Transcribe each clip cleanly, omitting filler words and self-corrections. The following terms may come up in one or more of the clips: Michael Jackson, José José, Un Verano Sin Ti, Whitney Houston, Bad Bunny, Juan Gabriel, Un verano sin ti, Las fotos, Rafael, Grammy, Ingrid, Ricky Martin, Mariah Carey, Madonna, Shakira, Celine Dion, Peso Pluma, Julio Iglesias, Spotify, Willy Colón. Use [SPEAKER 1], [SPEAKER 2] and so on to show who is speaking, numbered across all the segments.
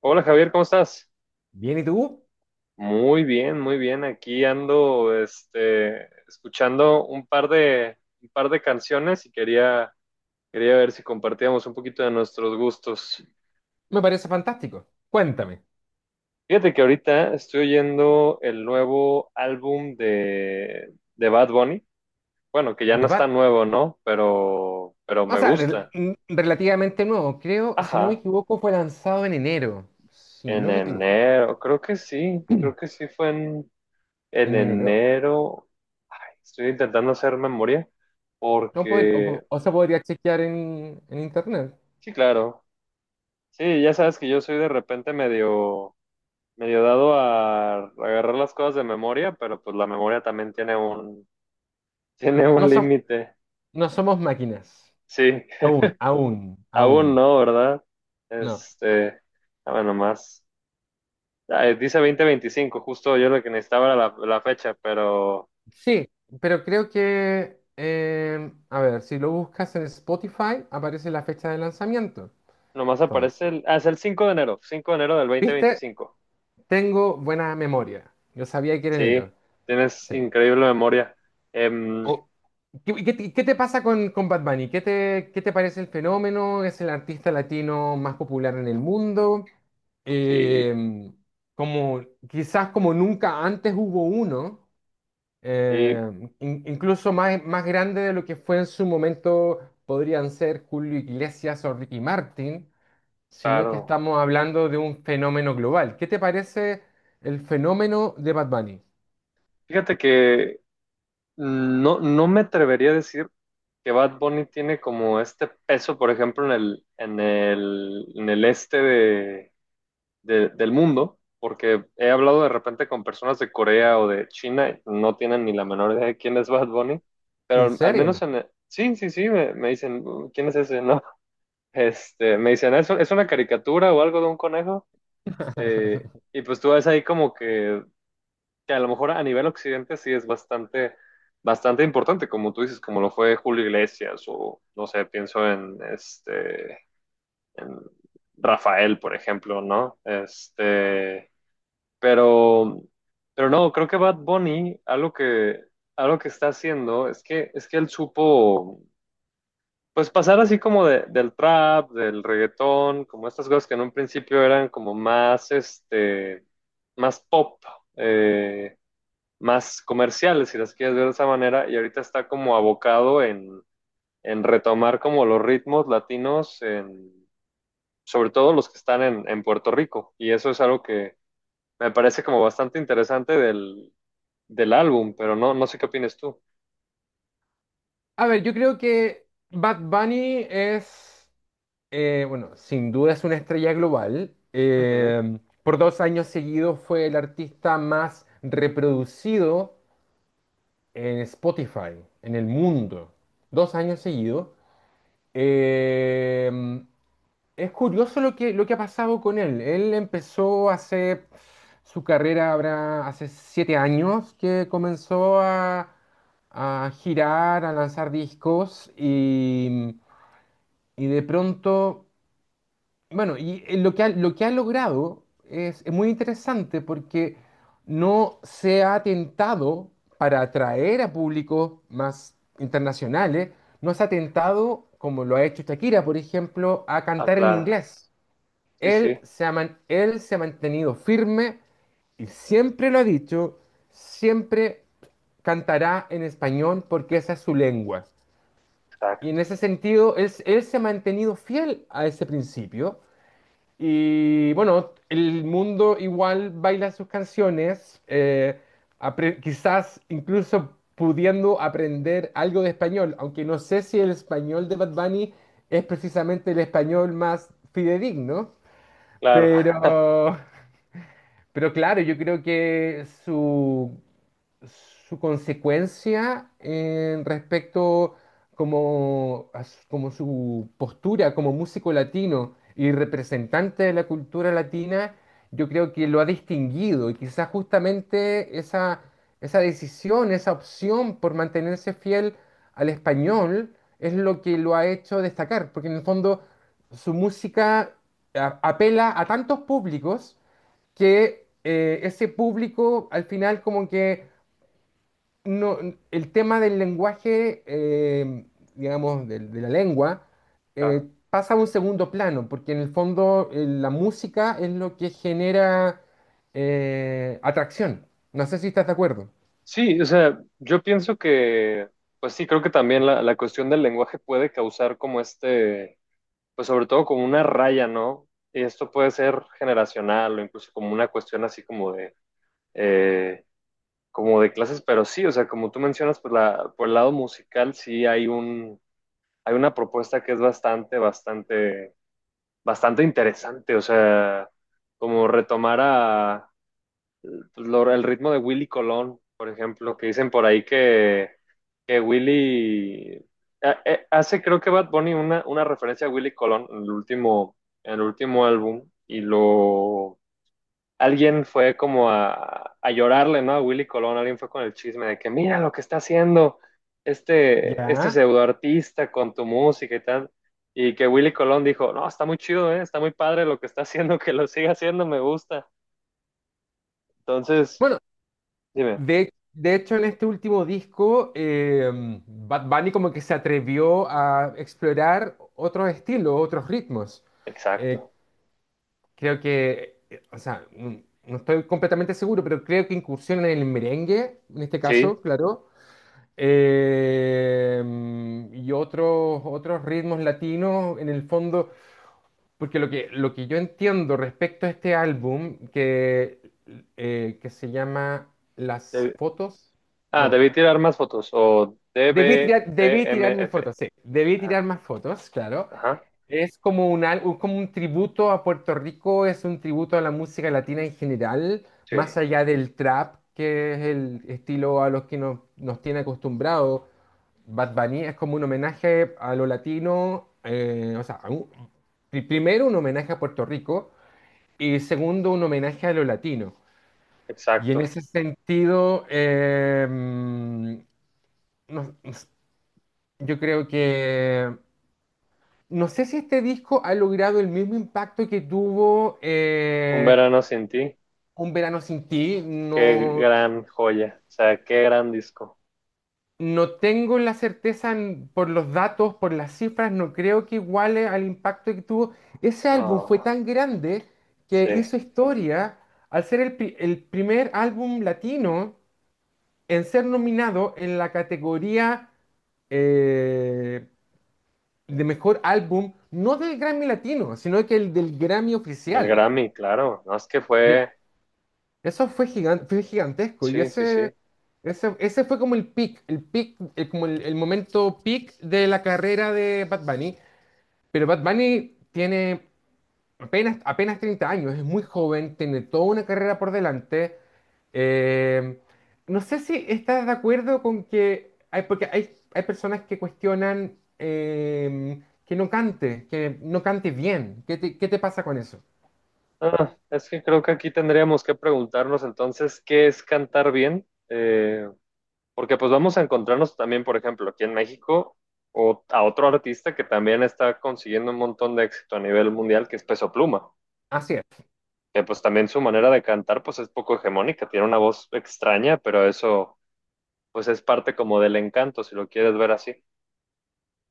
[SPEAKER 1] Hola Javier, ¿cómo estás?
[SPEAKER 2] Bien, ¿y tú?
[SPEAKER 1] Muy bien, muy bien. Aquí ando, escuchando un par de canciones y quería ver si compartíamos un poquito de nuestros gustos.
[SPEAKER 2] Me parece fantástico. Cuéntame.
[SPEAKER 1] Fíjate que ahorita estoy oyendo el nuevo álbum de Bad Bunny. Bueno, que ya
[SPEAKER 2] The
[SPEAKER 1] no está
[SPEAKER 2] Bat-
[SPEAKER 1] nuevo, ¿no? Pero
[SPEAKER 2] o
[SPEAKER 1] me
[SPEAKER 2] sea, rel-
[SPEAKER 1] gusta.
[SPEAKER 2] mm, Relativamente nuevo. Creo, si no me
[SPEAKER 1] Ajá,
[SPEAKER 2] equivoco, fue lanzado en enero. Si
[SPEAKER 1] en
[SPEAKER 2] no me equivoco,
[SPEAKER 1] enero, creo que sí fue en
[SPEAKER 2] en enero.
[SPEAKER 1] enero. Estoy intentando hacer memoria
[SPEAKER 2] No podría,
[SPEAKER 1] porque,
[SPEAKER 2] o se podría chequear en internet.
[SPEAKER 1] sí, claro, sí, ya sabes que yo soy de repente medio dado a agarrar las cosas de memoria, pero pues la memoria también tiene un, tiene
[SPEAKER 2] No,
[SPEAKER 1] un
[SPEAKER 2] som-
[SPEAKER 1] límite.
[SPEAKER 2] no somos máquinas.
[SPEAKER 1] Sí,
[SPEAKER 2] Aún, aún,
[SPEAKER 1] aún
[SPEAKER 2] aún.
[SPEAKER 1] no, ¿verdad?
[SPEAKER 2] No.
[SPEAKER 1] Este, a ver nomás. Ah, dice 2025, justo yo lo que necesitaba era la fecha, pero
[SPEAKER 2] Sí, pero creo que, a ver, si lo buscas en Spotify, aparece la fecha de lanzamiento.
[SPEAKER 1] nomás aparece
[SPEAKER 2] Entonces,
[SPEAKER 1] es el cinco de enero del dos mil
[SPEAKER 2] ¿viste?
[SPEAKER 1] veinticinco
[SPEAKER 2] Tengo buena memoria. Yo sabía que era
[SPEAKER 1] Sí,
[SPEAKER 2] enero.
[SPEAKER 1] tienes
[SPEAKER 2] Sí.
[SPEAKER 1] increíble memoria. Em,
[SPEAKER 2] O- ¿Qué, qué te pasa con Bad Bunny? Qué te parece el fenómeno? ¿Es el artista latino más popular en el mundo?
[SPEAKER 1] sí.
[SPEAKER 2] Eh, como, Quizás como nunca antes hubo uno,
[SPEAKER 1] Sí,
[SPEAKER 2] eh, incluso más, más grande de lo que fue en su momento podrían ser Julio Iglesias o Ricky Martin, sino que
[SPEAKER 1] claro.
[SPEAKER 2] estamos hablando de un fenómeno global. ¿Qué te parece el fenómeno de Bad Bunny?
[SPEAKER 1] Fíjate que no, no me atrevería a decir que Bad Bunny tiene como este peso, por ejemplo, en el este del mundo, porque he hablado de repente con personas de Corea o de China, y no tienen ni la menor idea de quién es Bad Bunny, pero
[SPEAKER 2] ¿En
[SPEAKER 1] al menos
[SPEAKER 2] serio?
[SPEAKER 1] en. Sí, sí, sí, me dicen, ¿quién es ese?" No, me dicen, es una caricatura o algo de un conejo? Y pues tú ves ahí como que a lo mejor a nivel occidente sí es bastante, bastante importante, como tú dices, como lo fue Julio Iglesias o, no sé, pienso en Rafael, por ejemplo, ¿no? Pero, pero no, creo que Bad Bunny, algo que está haciendo es es que él supo, pues pasar así como del trap, del reggaetón, como estas cosas que en un principio eran como más, más pop. eh, Más comerciales, si las quieres ver de esa manera, y ahorita está como abocado en retomar como los ritmos latinos, sobre todo los que están en Puerto Rico, y eso es algo que me parece como bastante interesante del álbum, pero no, no sé qué opinas tú.
[SPEAKER 2] A ver, yo creo que Bad Bunny es, bueno, sin duda es una estrella global.
[SPEAKER 1] Ujú.
[SPEAKER 2] Por dos años seguidos fue el artista más reproducido en Spotify, en el mundo. Dos años seguidos. Eh, es curioso lo que ha pasado con él. Él empezó hace su carrera, habrá hace 7 años que comenzó a girar, a lanzar discos y de pronto bueno, lo que ha logrado es muy interesante porque no se ha atentado para atraer a públicos más internacionales, no se ha atentado como lo ha hecho Shakira, por ejemplo, a
[SPEAKER 1] Ah,
[SPEAKER 2] cantar en
[SPEAKER 1] claro,
[SPEAKER 2] inglés.
[SPEAKER 1] sí, sí,
[SPEAKER 2] Él se ha, él se ha mantenido firme y siempre lo ha dicho, siempre cantará en español porque esa es su lengua. Y en
[SPEAKER 1] exacto,
[SPEAKER 2] ese sentido, él se ha mantenido fiel a ese principio y bueno, el mundo igual baila sus canciones, quizás incluso pudiendo aprender algo de español, aunque no sé si el español de Bad Bunny es precisamente el español más fidedigno,
[SPEAKER 1] claro.
[SPEAKER 2] pero, pero claro, yo creo que su consecuencia en respecto como, como su postura como músico latino y representante de la cultura latina, yo creo que lo ha distinguido y quizás justamente esa, esa decisión, esa opción por mantenerse fiel al español es lo que lo ha hecho destacar, porque en el fondo su música apela a tantos públicos que ese público al final como que no, el tema del lenguaje, digamos, de la lengua,
[SPEAKER 1] Claro.
[SPEAKER 2] pasa a un segundo plano, porque en el fondo la música es lo que genera atracción. No sé si estás de acuerdo.
[SPEAKER 1] Sí, o sea, yo pienso que, pues sí, creo que también la cuestión del lenguaje puede causar como pues sobre todo como una raya, ¿no? Y esto puede ser generacional o incluso como una cuestión así como eh, como de clases, pero sí, o sea, como tú mencionas, pues por el lado musical sí hay hay una propuesta que es bastante, bastante, bastante interesante, o sea, como retomar pues, el ritmo de Willy Colón, por ejemplo, que dicen por ahí que Willy creo que Bad Bunny una referencia a Willy Colón en el último álbum y lo alguien fue como a llorarle, ¿no? A Willy Colón, alguien fue con el chisme de que mira lo que está haciendo este
[SPEAKER 2] Ya.
[SPEAKER 1] pseudo artista con tu música y tal. Y que Willy Colón dijo, no, está muy chido, ¿eh? Está muy padre lo que está haciendo, que lo siga haciendo, me gusta. Entonces,
[SPEAKER 2] Bueno,
[SPEAKER 1] dime.
[SPEAKER 2] de hecho en este último disco, Bad Bunny como que se atrevió a explorar otros estilos, otros ritmos. Eh,
[SPEAKER 1] Exacto.
[SPEAKER 2] Creo que, o sea, no, no estoy completamente seguro, pero creo que incursionan en el merengue, en este
[SPEAKER 1] Sí.
[SPEAKER 2] caso, claro, eh, y otros, otros ritmos latinos, en el fondo, porque lo que yo entiendo respecto a este álbum, que se llama Las
[SPEAKER 1] Deb-
[SPEAKER 2] fotos, no,
[SPEAKER 1] Debí tirar más fotos. O D B T
[SPEAKER 2] debí tirarme
[SPEAKER 1] DBTMF.
[SPEAKER 2] fotos, sí, debí
[SPEAKER 1] Ah,
[SPEAKER 2] tirar más fotos, claro.
[SPEAKER 1] ajá.
[SPEAKER 2] Es como como un tributo a Puerto Rico, es un tributo a la música latina en general, más
[SPEAKER 1] Sí.
[SPEAKER 2] allá del trap, que es el estilo a los que nos, nos tiene acostumbrados. Bad Bunny es como un homenaje a lo latino, o sea, primero un homenaje a Puerto Rico y segundo un homenaje a lo latino. Y en
[SPEAKER 1] Exacto.
[SPEAKER 2] ese sentido, no- yo creo que no sé si este disco ha logrado el mismo impacto que tuvo
[SPEAKER 1] Un verano sin ti.
[SPEAKER 2] Un verano sin ti.
[SPEAKER 1] Qué
[SPEAKER 2] No,
[SPEAKER 1] gran joya. O sea, qué gran disco.
[SPEAKER 2] no tengo la certeza por los datos, por las cifras, no creo que iguale al impacto que tuvo. Ese álbum fue
[SPEAKER 1] Oh,
[SPEAKER 2] tan grande que
[SPEAKER 1] sí.
[SPEAKER 2] hizo historia al ser el primer álbum latino en ser nominado en la categoría eh, de mejor álbum, no del Grammy Latino, sino que el del Grammy
[SPEAKER 1] Del
[SPEAKER 2] oficial.
[SPEAKER 1] Grammy, claro. No es que fue.
[SPEAKER 2] Eso fue fue gigantesco y
[SPEAKER 1] Sí, sí, sí.
[SPEAKER 2] ese fue como el peak, como el momento peak de la carrera de Bad Bunny. Pero Bad Bunny tiene apenas 30 años, es muy joven, tiene toda una carrera por delante. Eh, no sé si estás de acuerdo con que hay, porque hay personas que cuestionan que no cante bien. Qué te pasa con eso?
[SPEAKER 1] Ah, es que creo que aquí tendríamos que preguntarnos entonces qué es cantar bien. Porque pues vamos a encontrarnos también, por ejemplo, aquí en México, o a otro artista que también está consiguiendo un montón de éxito a nivel mundial, que es Peso Pluma,
[SPEAKER 2] Así es.
[SPEAKER 1] que pues también su manera de cantar pues es poco hegemónica, tiene una voz extraña, pero eso pues es parte como del encanto, si lo quieres ver así,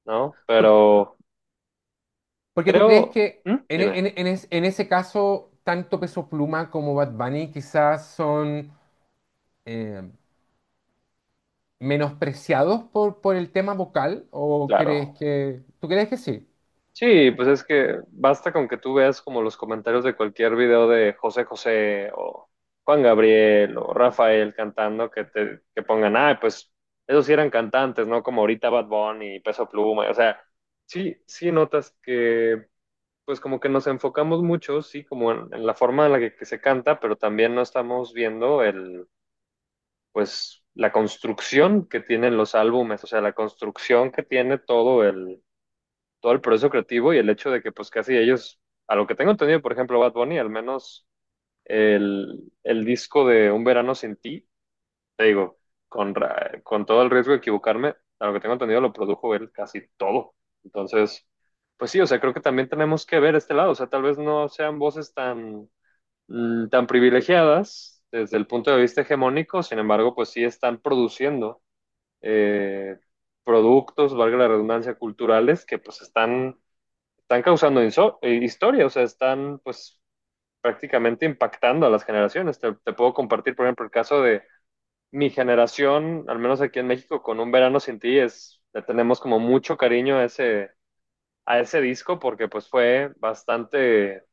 [SPEAKER 1] ¿no? Pero
[SPEAKER 2] Porque tú crees
[SPEAKER 1] creo,
[SPEAKER 2] que
[SPEAKER 1] ¿Mm?
[SPEAKER 2] en, e-
[SPEAKER 1] Dime,
[SPEAKER 2] en e- en es- en ese caso, tanto Peso Pluma como Bad Bunny quizás son eh, menospreciados por el tema vocal, ¿o crees
[SPEAKER 1] claro.
[SPEAKER 2] que... ¿Tú crees que sí?
[SPEAKER 1] Sí, pues es que basta con que tú veas como los comentarios de cualquier video de José José o Juan Gabriel o Rafael cantando que te que pongan, ah, pues esos sí eran cantantes, ¿no? Como ahorita Bad Bunny y Peso Pluma, o sea, sí, sí notas que pues como que nos enfocamos mucho, sí, como en la forma en la que se canta, pero también no estamos viendo pues la construcción que tienen los álbumes, o sea, la construcción que tiene todo el proceso creativo y el hecho de que pues casi ellos, a lo que tengo entendido, por ejemplo, Bad Bunny, al menos el disco de Un Verano Sin Ti, te digo, con todo el riesgo de equivocarme, a lo que tengo entendido lo produjo él casi todo. Entonces, pues sí, o sea, creo que también tenemos que ver este lado, o sea, tal vez no sean voces tan privilegiadas desde el punto de vista hegemónico, sin embargo, pues sí están produciendo. eh, Productos, valga la redundancia, culturales que pues están causando historia, o sea, están pues prácticamente impactando a las generaciones. Te puedo compartir, por ejemplo, el caso de mi generación, al menos aquí en México, con Un Verano Sin Ti, le tenemos como mucho cariño a a ese disco porque pues fue bastante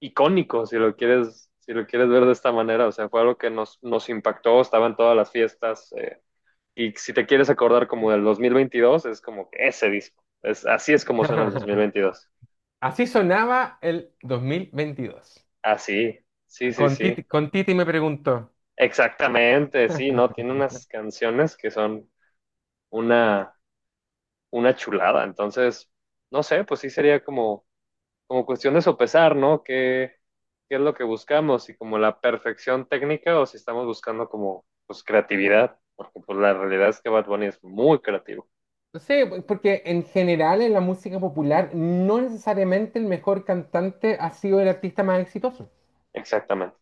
[SPEAKER 1] icónico, si lo quieres ver de esta manera, o sea, fue algo que nos impactó, estaba en todas las fiestas. Y si te quieres acordar como del 2022 es como que ese disco. Así es como suena el dos mil veintidós.
[SPEAKER 2] Así sonaba el 2022.
[SPEAKER 1] Así, sí, sí, sí. Sí.
[SPEAKER 2] Con Titi me preguntó.
[SPEAKER 1] Exactamente, sí, ¿no? Tiene unas canciones que son una, una chulada. Entonces, no sé, pues sí sería como cuestión de sopesar, ¿no? Qué es lo que buscamos? Si como la perfección técnica o si estamos buscando como, pues, creatividad. Porque pues la realidad es que Bad Bunny es muy creativo.
[SPEAKER 2] Sí, porque en general en la música popular no necesariamente el mejor cantante ha sido el artista más exitoso.
[SPEAKER 1] Exactamente.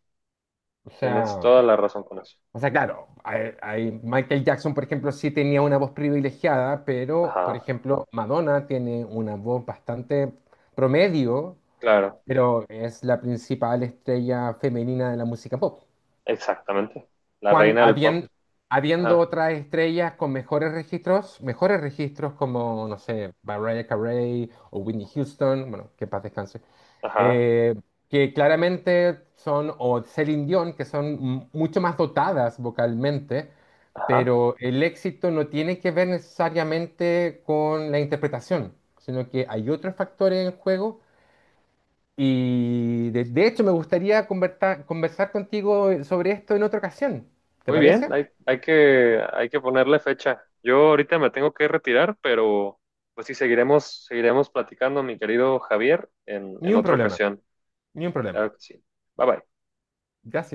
[SPEAKER 2] O
[SPEAKER 1] Tienes
[SPEAKER 2] sea...
[SPEAKER 1] toda la razón con eso.
[SPEAKER 2] o sea, claro, Michael Jackson, por ejemplo, sí tenía una voz privilegiada, pero, por
[SPEAKER 1] Ajá,
[SPEAKER 2] ejemplo, Madonna tiene una voz bastante promedio,
[SPEAKER 1] claro,
[SPEAKER 2] pero es la principal estrella femenina de la música pop.
[SPEAKER 1] exactamente. La
[SPEAKER 2] Cuan-
[SPEAKER 1] reina del pop.
[SPEAKER 2] habien- Habiendo
[SPEAKER 1] Ajá,
[SPEAKER 2] otras estrellas con mejores registros como, no sé, Mariah Carey o Whitney Houston, bueno, que en paz descanse
[SPEAKER 1] ajá,
[SPEAKER 2] eh, que claramente son, o Celine Dion, que son mucho más dotadas vocalmente,
[SPEAKER 1] ajá.
[SPEAKER 2] pero el éxito no tiene que ver necesariamente con la interpretación, sino que hay otros factores en juego. Y de hecho me gustaría conversar contigo sobre esto en otra ocasión. ¿Te
[SPEAKER 1] Muy bien,
[SPEAKER 2] parece?
[SPEAKER 1] hay que ponerle fecha. Yo ahorita me tengo que retirar, pero pues sí, seguiremos platicando, mi querido Javier,
[SPEAKER 2] Ni
[SPEAKER 1] en
[SPEAKER 2] un
[SPEAKER 1] otra
[SPEAKER 2] problema,
[SPEAKER 1] ocasión.
[SPEAKER 2] ni un problema.
[SPEAKER 1] Claro que sí. Bye bye.
[SPEAKER 2] Gracias.